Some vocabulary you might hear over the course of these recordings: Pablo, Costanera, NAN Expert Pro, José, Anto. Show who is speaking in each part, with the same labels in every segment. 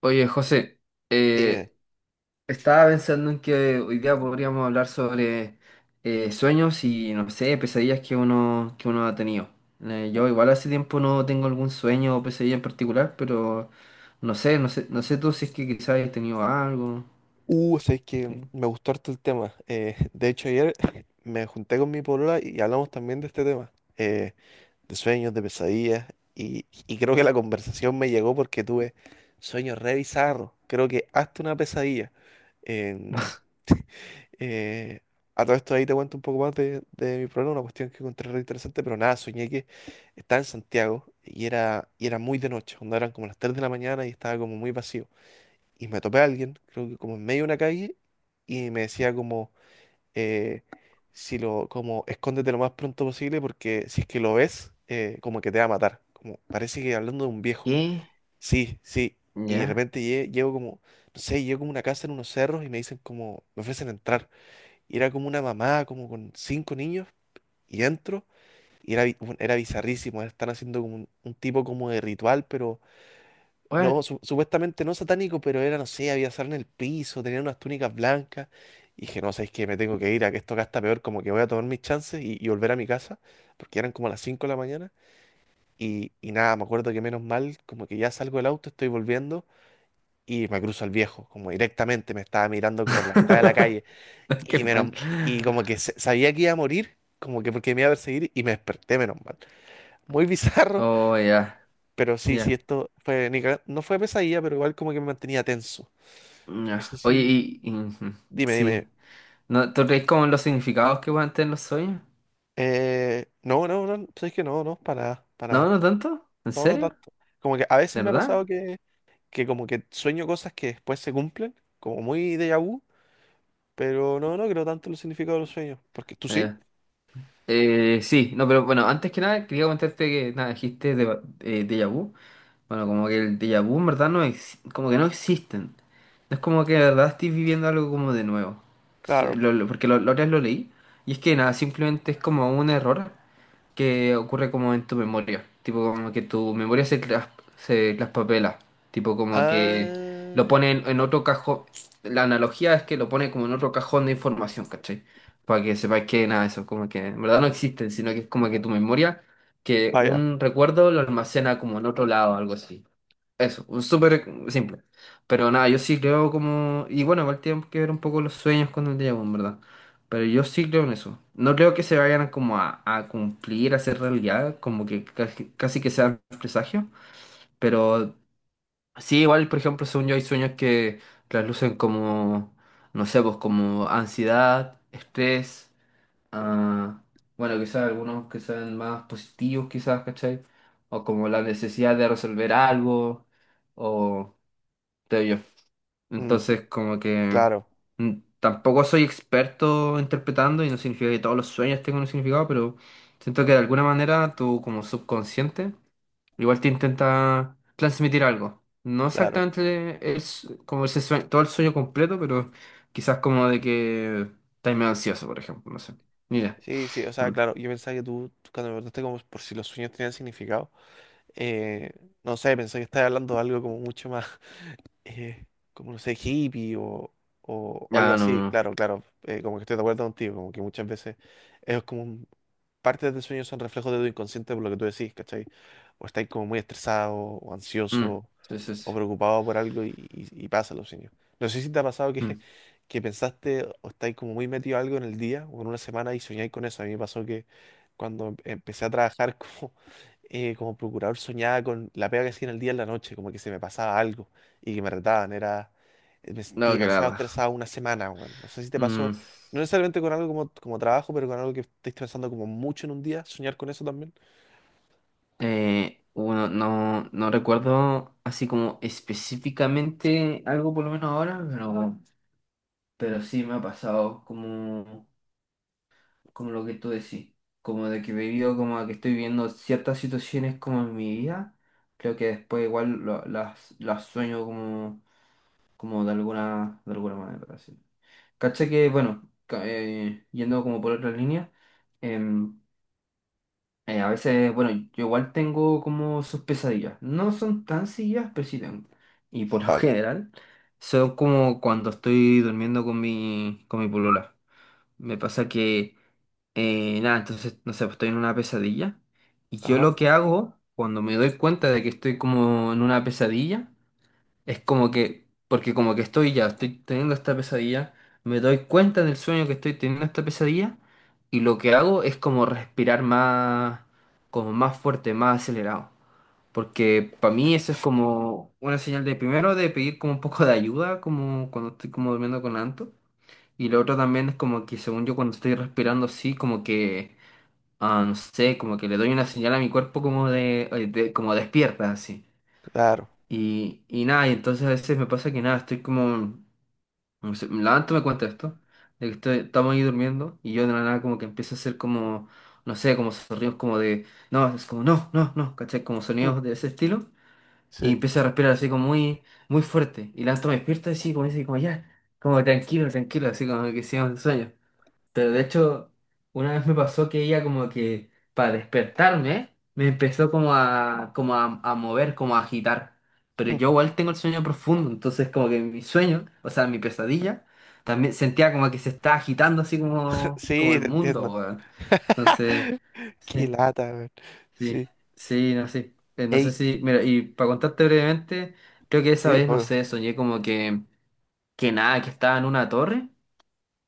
Speaker 1: Oye, José,
Speaker 2: Dime.
Speaker 1: eh, estaba pensando en que hoy día podríamos hablar sobre sueños y, no sé, pesadillas que uno ha tenido. Yo igual hace tiempo no tengo algún sueño o pesadilla en particular, pero no sé tú si es que quizás hayas tenido algo.
Speaker 2: Sabes que
Speaker 1: ¿Qué?
Speaker 2: me gustó harto el tema. De hecho, ayer me junté con mi polola y hablamos también de este tema, de sueños, de pesadillas, y creo que la conversación me llegó porque tuve sueños re bizarros. Creo que hasta una pesadilla. En- eh, a todo esto ahí te cuento un poco más de mi problema, una cuestión que encontré re interesante, pero nada, soñé que estaba en Santiago y era muy de noche, cuando eran como las 3 de la mañana y estaba como muy vacío. Y me topé a alguien, creo que como en medio de una calle, y me decía como, eh, si lo, como, escóndete lo más pronto posible porque si es que lo ves, como que te va a matar. Como, parece que hablando de un viejo.
Speaker 1: ¿Qué?
Speaker 2: Sí, sí. Y de
Speaker 1: ¿Ya?
Speaker 2: repente llego como, no sé, llego como a una casa en unos cerros y me dicen como, me ofrecen entrar. Y era como una mamá, como con cinco niños, y entro, y era, bueno, era bizarrísimo. Están haciendo como un tipo como de ritual, pero no,
Speaker 1: ¿What?
Speaker 2: supuestamente no satánico, pero era, no sé, había sal en el piso, tenían unas túnicas blancas. Y dije, no, sabéis que me tengo que ir, a que esto acá está peor, como que voy a tomar mis chances y volver a mi casa, porque eran como las 5 de la mañana. Y nada, me acuerdo que menos mal, como que ya salgo del auto, estoy volviendo y me cruzo al viejo, como directamente me estaba mirando como en la mitad de la calle.
Speaker 1: Qué
Speaker 2: Y,
Speaker 1: mal.
Speaker 2: menos, y como que sabía que iba a morir, como que porque me iba a perseguir y me desperté, menos mal. Muy bizarro,
Speaker 1: Oh, ya,
Speaker 2: pero sí, sí,
Speaker 1: ya,
Speaker 2: esto fue, ni caga- no fue pesadilla, pero igual como que me mantenía tenso. No sé
Speaker 1: ya. Oye,
Speaker 2: si.
Speaker 1: ujú,
Speaker 2: Dime, dime.
Speaker 1: sí. ¿No, tú crees como en los significados que pueden tener los sueños?
Speaker 2: No, no, no, sabes que no, no, para nada, para
Speaker 1: No,
Speaker 2: nada.
Speaker 1: no tanto. ¿En
Speaker 2: No, no
Speaker 1: serio?
Speaker 2: tanto. Como que a veces
Speaker 1: ¿De
Speaker 2: me ha
Speaker 1: verdad?
Speaker 2: pasado que como que sueño cosas que después se cumplen, como muy déjà vu, pero no, no creo tanto en el significado de los sueños. ¿Porque tú
Speaker 1: Ah,
Speaker 2: sí?
Speaker 1: ya. Sí, no, pero bueno, antes que nada quería comentarte que nada, dijiste de, déjà vu. Bueno,
Speaker 2: Sí,
Speaker 1: como que el déjà vu en verdad como que no existen. No es como que de verdad estoy viviendo algo como de nuevo. S-
Speaker 2: claro.
Speaker 1: lo- lo- porque lo- la otra vez lo leí. Y es que nada, simplemente es como un error que ocurre como en tu memoria, tipo como que tu memoria se traspapela, tipo como que lo
Speaker 2: Ah,
Speaker 1: pone en, otro cajón, la analogía es que lo pone como en otro cajón de información, ¿cachai? Para que sepáis que nada, de eso, como que en verdad no existen, sino que es como que tu memoria, que
Speaker 2: vaya.
Speaker 1: un recuerdo lo almacena como en otro lado, algo así. Eso, un súper simple. Pero nada, yo sí creo como. Y bueno, igual tienen que ver un poco los sueños con el déjà vu, en verdad. Pero yo sí creo en eso. No creo que se vayan como a cumplir, a ser realidad, como que casi, casi que sean presagios. Pero sí, igual, por ejemplo, según yo hay sueños que traslucen como, no sé, pues como ansiedad, estrés, ah, bueno, quizás algunos que sean más positivos, quizás, ¿cachai? O como la necesidad de resolver algo. O te yo.
Speaker 2: Mm,
Speaker 1: Entonces, como que
Speaker 2: claro,
Speaker 1: mm, tampoco soy experto interpretando y no significa que todos los sueños tengan un significado, pero siento que de alguna manera tú como subconsciente igual te intenta transmitir algo. No
Speaker 2: claro.
Speaker 1: exactamente es como ese todo el sueño completo, pero quizás como de que estás medio ansioso, por ejemplo, no sé. Mira.
Speaker 2: Sí, sí, o sea,
Speaker 1: Mm.
Speaker 2: claro, yo pensaba que tú, cuando me preguntaste como por si los sueños tenían significado, eh, no sé, pensé que estabas hablando de algo como mucho más. eh, Como no sé, hippie o, o algo
Speaker 1: Ah, no,
Speaker 2: así,
Speaker 1: no,
Speaker 2: claro, claro, como que estoy de acuerdo contigo, como que muchas veces es partes del sueño son reflejos de tu inconsciente por lo que tú decís, ¿cachai? O estáis como muy estresado, o
Speaker 1: no. Mm.
Speaker 2: ansioso,
Speaker 1: Sí, sí, sí.
Speaker 2: o preocupado por algo y pasa los sueños. No sé si te ha pasado que,
Speaker 1: Mm.
Speaker 2: que pensaste o estáis como muy metido algo en el día o en una semana y soñáis con eso. A mí me pasó que cuando empecé a trabajar como, como procurador soñaba con la pega que hacía en el día y en la noche, como que se me pasaba algo y que me retaban. Me sentí
Speaker 1: No, que
Speaker 2: demasiado
Speaker 1: nada.
Speaker 2: estresado una semana, weón. No sé si te pasó
Speaker 1: Mm.
Speaker 2: no necesariamente con algo como, como trabajo, pero con algo que estés pensando como mucho en un día, soñar con eso también.
Speaker 1: Bueno, no, no recuerdo así como específicamente algo por lo menos ahora, pero sí me ha pasado como, como lo que tú decís, como de que he vivido, como que estoy viviendo ciertas situaciones como en mi vida, creo que después igual las sueño como, como de alguna manera, así. Caché que, bueno, yendo como por otra línea. A veces, bueno, yo igual tengo como sus pesadillas. No son tan seguidas, pero sí tengo. Y por lo
Speaker 2: Vale.
Speaker 1: general, son como cuando estoy durmiendo con mi polola. Me pasa que, nada, entonces, no sé, pues estoy en una pesadilla. Y yo
Speaker 2: Ajá.
Speaker 1: lo que hago cuando me doy cuenta de que estoy como en una pesadilla es como que, porque como que estoy ya, estoy teniendo esta pesadilla, me doy cuenta en el sueño que estoy teniendo esta pesadilla y lo que hago es como respirar más, como más fuerte, más acelerado. Porque para mí eso es como una señal de primero de pedir como un poco de ayuda, como cuando estoy como durmiendo con Anto. Y lo otro también es como que según yo cuando estoy respirando así, como que, ah, no sé, como que le doy una señal a mi cuerpo como de como despierta así.
Speaker 2: Claro.
Speaker 1: Y nada, y entonces a veces me pasa que nada, estoy como, no sé, me levanto, me cuenta esto, de que estamos ahí durmiendo y yo de la nada como que empiezo a hacer como, no sé, como sonidos como de, no, es como, no, no, no, ¿cachai? Como
Speaker 2: Mm,
Speaker 1: sonidos de ese estilo y
Speaker 2: sí.
Speaker 1: empiezo a respirar así como muy, muy fuerte y levanto, me despierto así como dice, como ya, como tranquilo, tranquilo, así como que sigo en sueño. Pero de hecho, una vez me pasó que ella como que para despertarme me empezó como a mover, como a agitar. Pero
Speaker 2: Mm.
Speaker 1: yo igual tengo el sueño profundo, entonces como que mi sueño, o sea, mi pesadilla, también sentía como que se está agitando así como, como
Speaker 2: Sí,
Speaker 1: el
Speaker 2: te
Speaker 1: mundo,
Speaker 2: entiendo.
Speaker 1: weón. Entonces,
Speaker 2: Qué
Speaker 1: sí,
Speaker 2: lata, weón.
Speaker 1: sí,
Speaker 2: Sí.
Speaker 1: sí, no sé. No sé
Speaker 2: Ey.
Speaker 1: si, mira, y para contarte brevemente, creo que esa
Speaker 2: Sí,
Speaker 1: vez, no
Speaker 2: obvio.
Speaker 1: sé, soñé como que nada, que estaba en una torre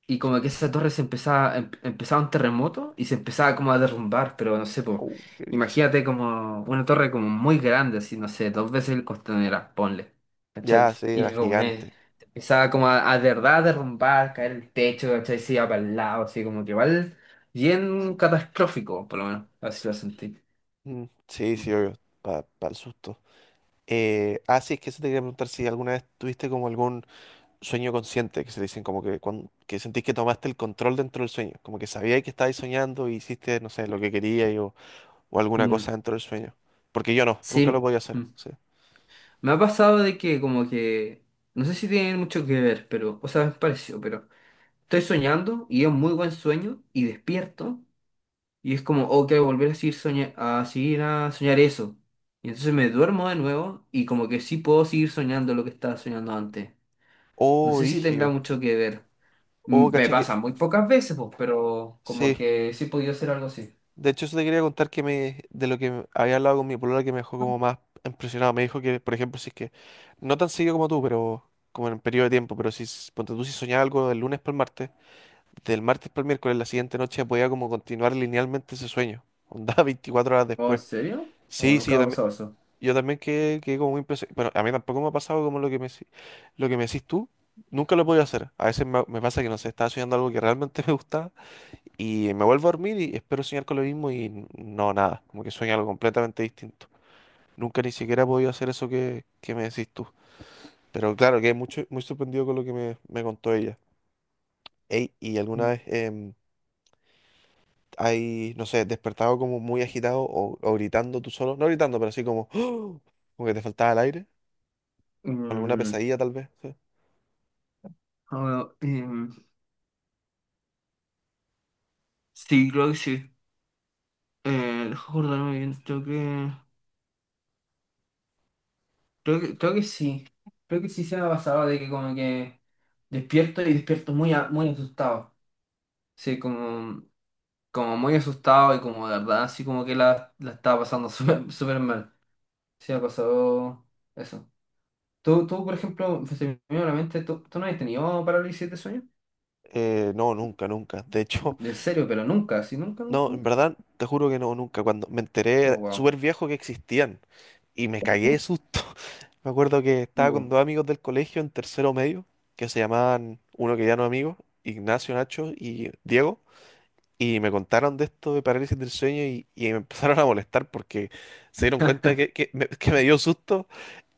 Speaker 1: y como que esa torre se empezaba un terremoto y se empezaba como a derrumbar, pero no sé, pues,
Speaker 2: Oh, qué brillo.
Speaker 1: imagínate como una torre como muy grande, así, no sé, dos veces el Costanera, ponle, ¿cachai?
Speaker 2: Ya, sí, era
Speaker 1: Y como que
Speaker 2: gigante.
Speaker 1: se empezaba como a de verdad a derrumbar, caer el techo, ¿cachai? Se iba para el lado, así como que igual bien catastrófico, por lo menos, así lo sentí.
Speaker 2: Mm, sí, sí, obvio. Para el susto. Ah, sí, es que eso te quería preguntar si alguna vez tuviste como algún sueño consciente, que se dicen como que, que sentís que tomaste el control dentro del sueño, como que sabías que estabais soñando y hiciste, no sé, lo que querías o alguna
Speaker 1: Mm,
Speaker 2: cosa dentro del sueño. Porque yo no,
Speaker 1: sí.
Speaker 2: nunca lo podía hacer.
Speaker 1: mm.
Speaker 2: Sí.
Speaker 1: me ha pasado de que como que, no sé si tiene mucho que ver, pero, o sea, me pareció, pero. Estoy soñando y es un muy buen sueño y despierto y es como, ok, volver a seguir, a seguir a soñar eso. Y entonces me duermo de nuevo y como que sí puedo seguir soñando lo que estaba soñando antes. No
Speaker 2: Oh,
Speaker 1: sé si tendrá
Speaker 2: rígido.
Speaker 1: mucho que ver.
Speaker 2: Oh,
Speaker 1: Me
Speaker 2: cacha que.
Speaker 1: pasa muy pocas veces, pues, pero como
Speaker 2: Sí.
Speaker 1: que sí he podido hacer algo así.
Speaker 2: De hecho, eso te quería contar que me, de lo que había hablado con mi polola que me dejó como más impresionado. Me dijo que, por ejemplo, si es que, no tan seguido como tú, pero como en un periodo de tiempo, pero si, ponte tú, si soñaba algo del lunes para el martes, del martes para el miércoles, la siguiente noche podía como continuar linealmente ese sueño. Onda 24 horas
Speaker 1: ¿O en
Speaker 2: después.
Speaker 1: serio? ¿O
Speaker 2: Sí, sí,
Speaker 1: nunca
Speaker 2: yo
Speaker 1: me ha
Speaker 2: también.
Speaker 1: pasado eso?
Speaker 2: Yo también quedé, quedé como muy impresionado. Bueno, a mí tampoco me ha pasado como lo que me, lo que me decís tú. Nunca lo he podido hacer. A veces me, me pasa que, no sé, estaba soñando algo que realmente me gustaba y me vuelvo a dormir y espero soñar con lo mismo y no, nada. Como que sueño algo completamente distinto. Nunca ni siquiera he podido hacer eso que me decís tú. Pero claro, quedé mucho, muy sorprendido con lo que me contó ella. Ey, ¿y alguna
Speaker 1: Mm.
Speaker 2: vez hay, no sé, despertado como muy agitado o, gritando tú solo? No gritando, pero así como, como que te faltaba el aire. Con alguna
Speaker 1: Mm,
Speaker 2: pesadilla tal vez. Sí.
Speaker 1: ah, bueno, sí, creo que sí. Deja acordarme bien, tengo que. Creo que sí. Creo que sí se me ha pasado de que como que despierto y despierto muy, muy asustado. Sí, como muy asustado y como de verdad, así como que la estaba pasando súper súper mal. Sí, me ha pasado eso. Tú, por ejemplo, se me vino a la mente, ¿tú no has tenido parálisis de sueño?
Speaker 2: No, nunca, nunca. De hecho,
Speaker 1: En serio, pero nunca, así nunca, nunca,
Speaker 2: no, en
Speaker 1: nunca.
Speaker 2: verdad, te juro que no, nunca. Cuando me
Speaker 1: Oh,
Speaker 2: enteré
Speaker 1: wow.
Speaker 2: súper viejo que existían y me cagué de susto. Me acuerdo que estaba con
Speaker 1: Uh.
Speaker 2: dos amigos del colegio en tercero medio, que se llamaban, uno que ya no es amigo, Ignacio, Nacho y Diego, y me contaron de esto de parálisis del sueño y me empezaron a molestar porque se dieron cuenta que, que me dio susto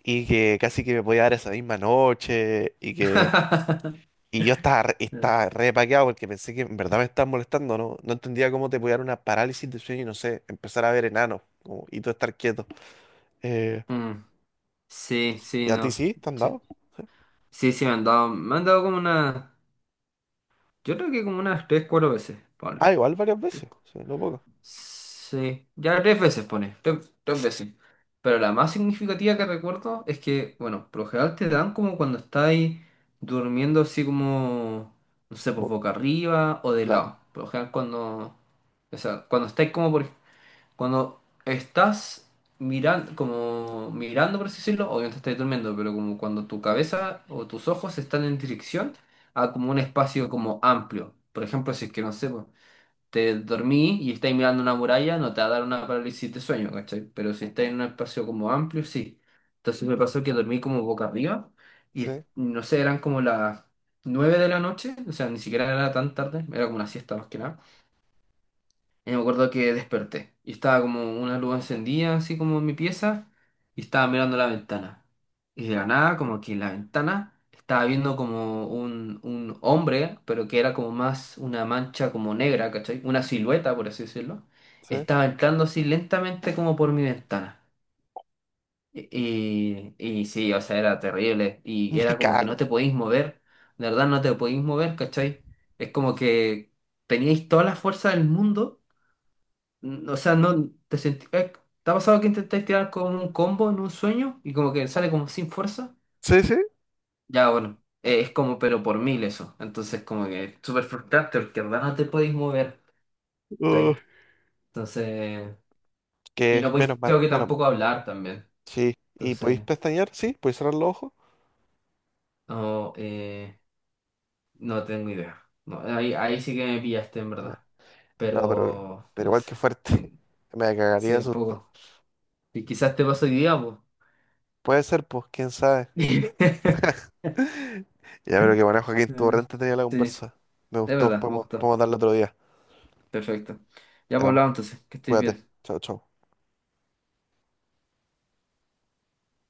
Speaker 2: y que casi que me podía dar esa misma noche y que. Y yo estaba,
Speaker 1: Ya.
Speaker 2: estaba re paqueado porque pensé que en verdad me estaban molestando, ¿no? No entendía cómo te podía dar una parálisis de sueño y no sé, empezar a ver enanos como- y tú estar quieto. Eh,
Speaker 1: Mm, sí,
Speaker 2: ¿Y
Speaker 1: sí,
Speaker 2: a ti
Speaker 1: no.
Speaker 2: sí? ¿Te han
Speaker 1: Sí,
Speaker 2: dado?
Speaker 1: sí, sí, me han dado como una. Yo creo que como unas tres, cuatro veces, Pablo.
Speaker 2: Ah, igual varias
Speaker 1: Tre-
Speaker 2: veces. Sí, no poco.
Speaker 1: Sí, ya tres veces pone, tres veces. Pero la más significativa que recuerdo es que, bueno, por lo general te dan como cuando estáis durmiendo así como, no sé, pues
Speaker 2: Bo-
Speaker 1: boca arriba o de
Speaker 2: claro.
Speaker 1: lado. Por lo general cuando, o sea, cuando estás mirando, como mirando, por así decirlo, obviamente estás durmiendo, pero como cuando tu cabeza o tus ojos están en dirección a como un espacio como amplio. Por ejemplo, si es que no sé, po, te dormí y estás mirando una muralla, no te va a dar una parálisis de sueño, ¿cachai? Pero si estás en un espacio como amplio, sí. Entonces me pasó que dormí como boca arriba y
Speaker 2: Sí,
Speaker 1: no sé, eran como las 9 de la noche, o sea, ni siquiera era tan tarde, era como una siesta más que nada. Y me acuerdo que desperté y estaba como una luz encendida, así como en mi pieza, y estaba mirando la ventana. Y de la nada, como que en la ventana estaba viendo como un, hombre, pero que era como más una mancha como negra, ¿cachai? Una silueta, por así decirlo.
Speaker 2: sí.
Speaker 1: Estaba entrando así lentamente como por mi ventana. Y sí, o sea, era terrible. Y
Speaker 2: Me
Speaker 1: era como que no
Speaker 2: cago.
Speaker 1: te podéis mover. De verdad, no te podéis mover, ¿cachai? Es como que teníais toda la fuerza del mundo o sea, no te sentí. ¿Te ha pasado que intentáis tirar con un combo en un sueño y como que sale como sin fuerza?
Speaker 2: Sí, sí.
Speaker 1: Ya, bueno, es como pero por mil eso. Entonces, como que es súper frustrante porque en verdad no te podéis mover.
Speaker 2: Uh,
Speaker 1: ¿Cachai? Entonces, y
Speaker 2: que
Speaker 1: no podéis,
Speaker 2: menos mal,
Speaker 1: creo que
Speaker 2: menos.
Speaker 1: tampoco hablar también.
Speaker 2: Sí. ¿Y podéis
Speaker 1: Entonces,
Speaker 2: pestañear? Sí, podéis cerrar los ojos.
Speaker 1: no, no tengo idea. No, ahí sí que me pillaste en verdad.
Speaker 2: No,
Speaker 1: Pero,
Speaker 2: pero
Speaker 1: no
Speaker 2: igual que
Speaker 1: sé. Mm,
Speaker 2: fuerte. Me cagaría
Speaker 1: sí,
Speaker 2: de
Speaker 1: un
Speaker 2: susto.
Speaker 1: poco. Y quizás te pasó hoy día, pues.
Speaker 2: Puede ser, pues, quién sabe. Ya, pero que bueno, Joaquín, estuvo re entretenida la
Speaker 1: Sí.
Speaker 2: conversa. Me
Speaker 1: Es
Speaker 2: gustó,
Speaker 1: verdad, me
Speaker 2: podemos,
Speaker 1: gustó.
Speaker 2: podemos darle otro día.
Speaker 1: Perfecto. Ya
Speaker 2: Ya,
Speaker 1: por
Speaker 2: pues,
Speaker 1: lado entonces, que estés
Speaker 2: cuídate.
Speaker 1: bien.
Speaker 2: Chao, chao.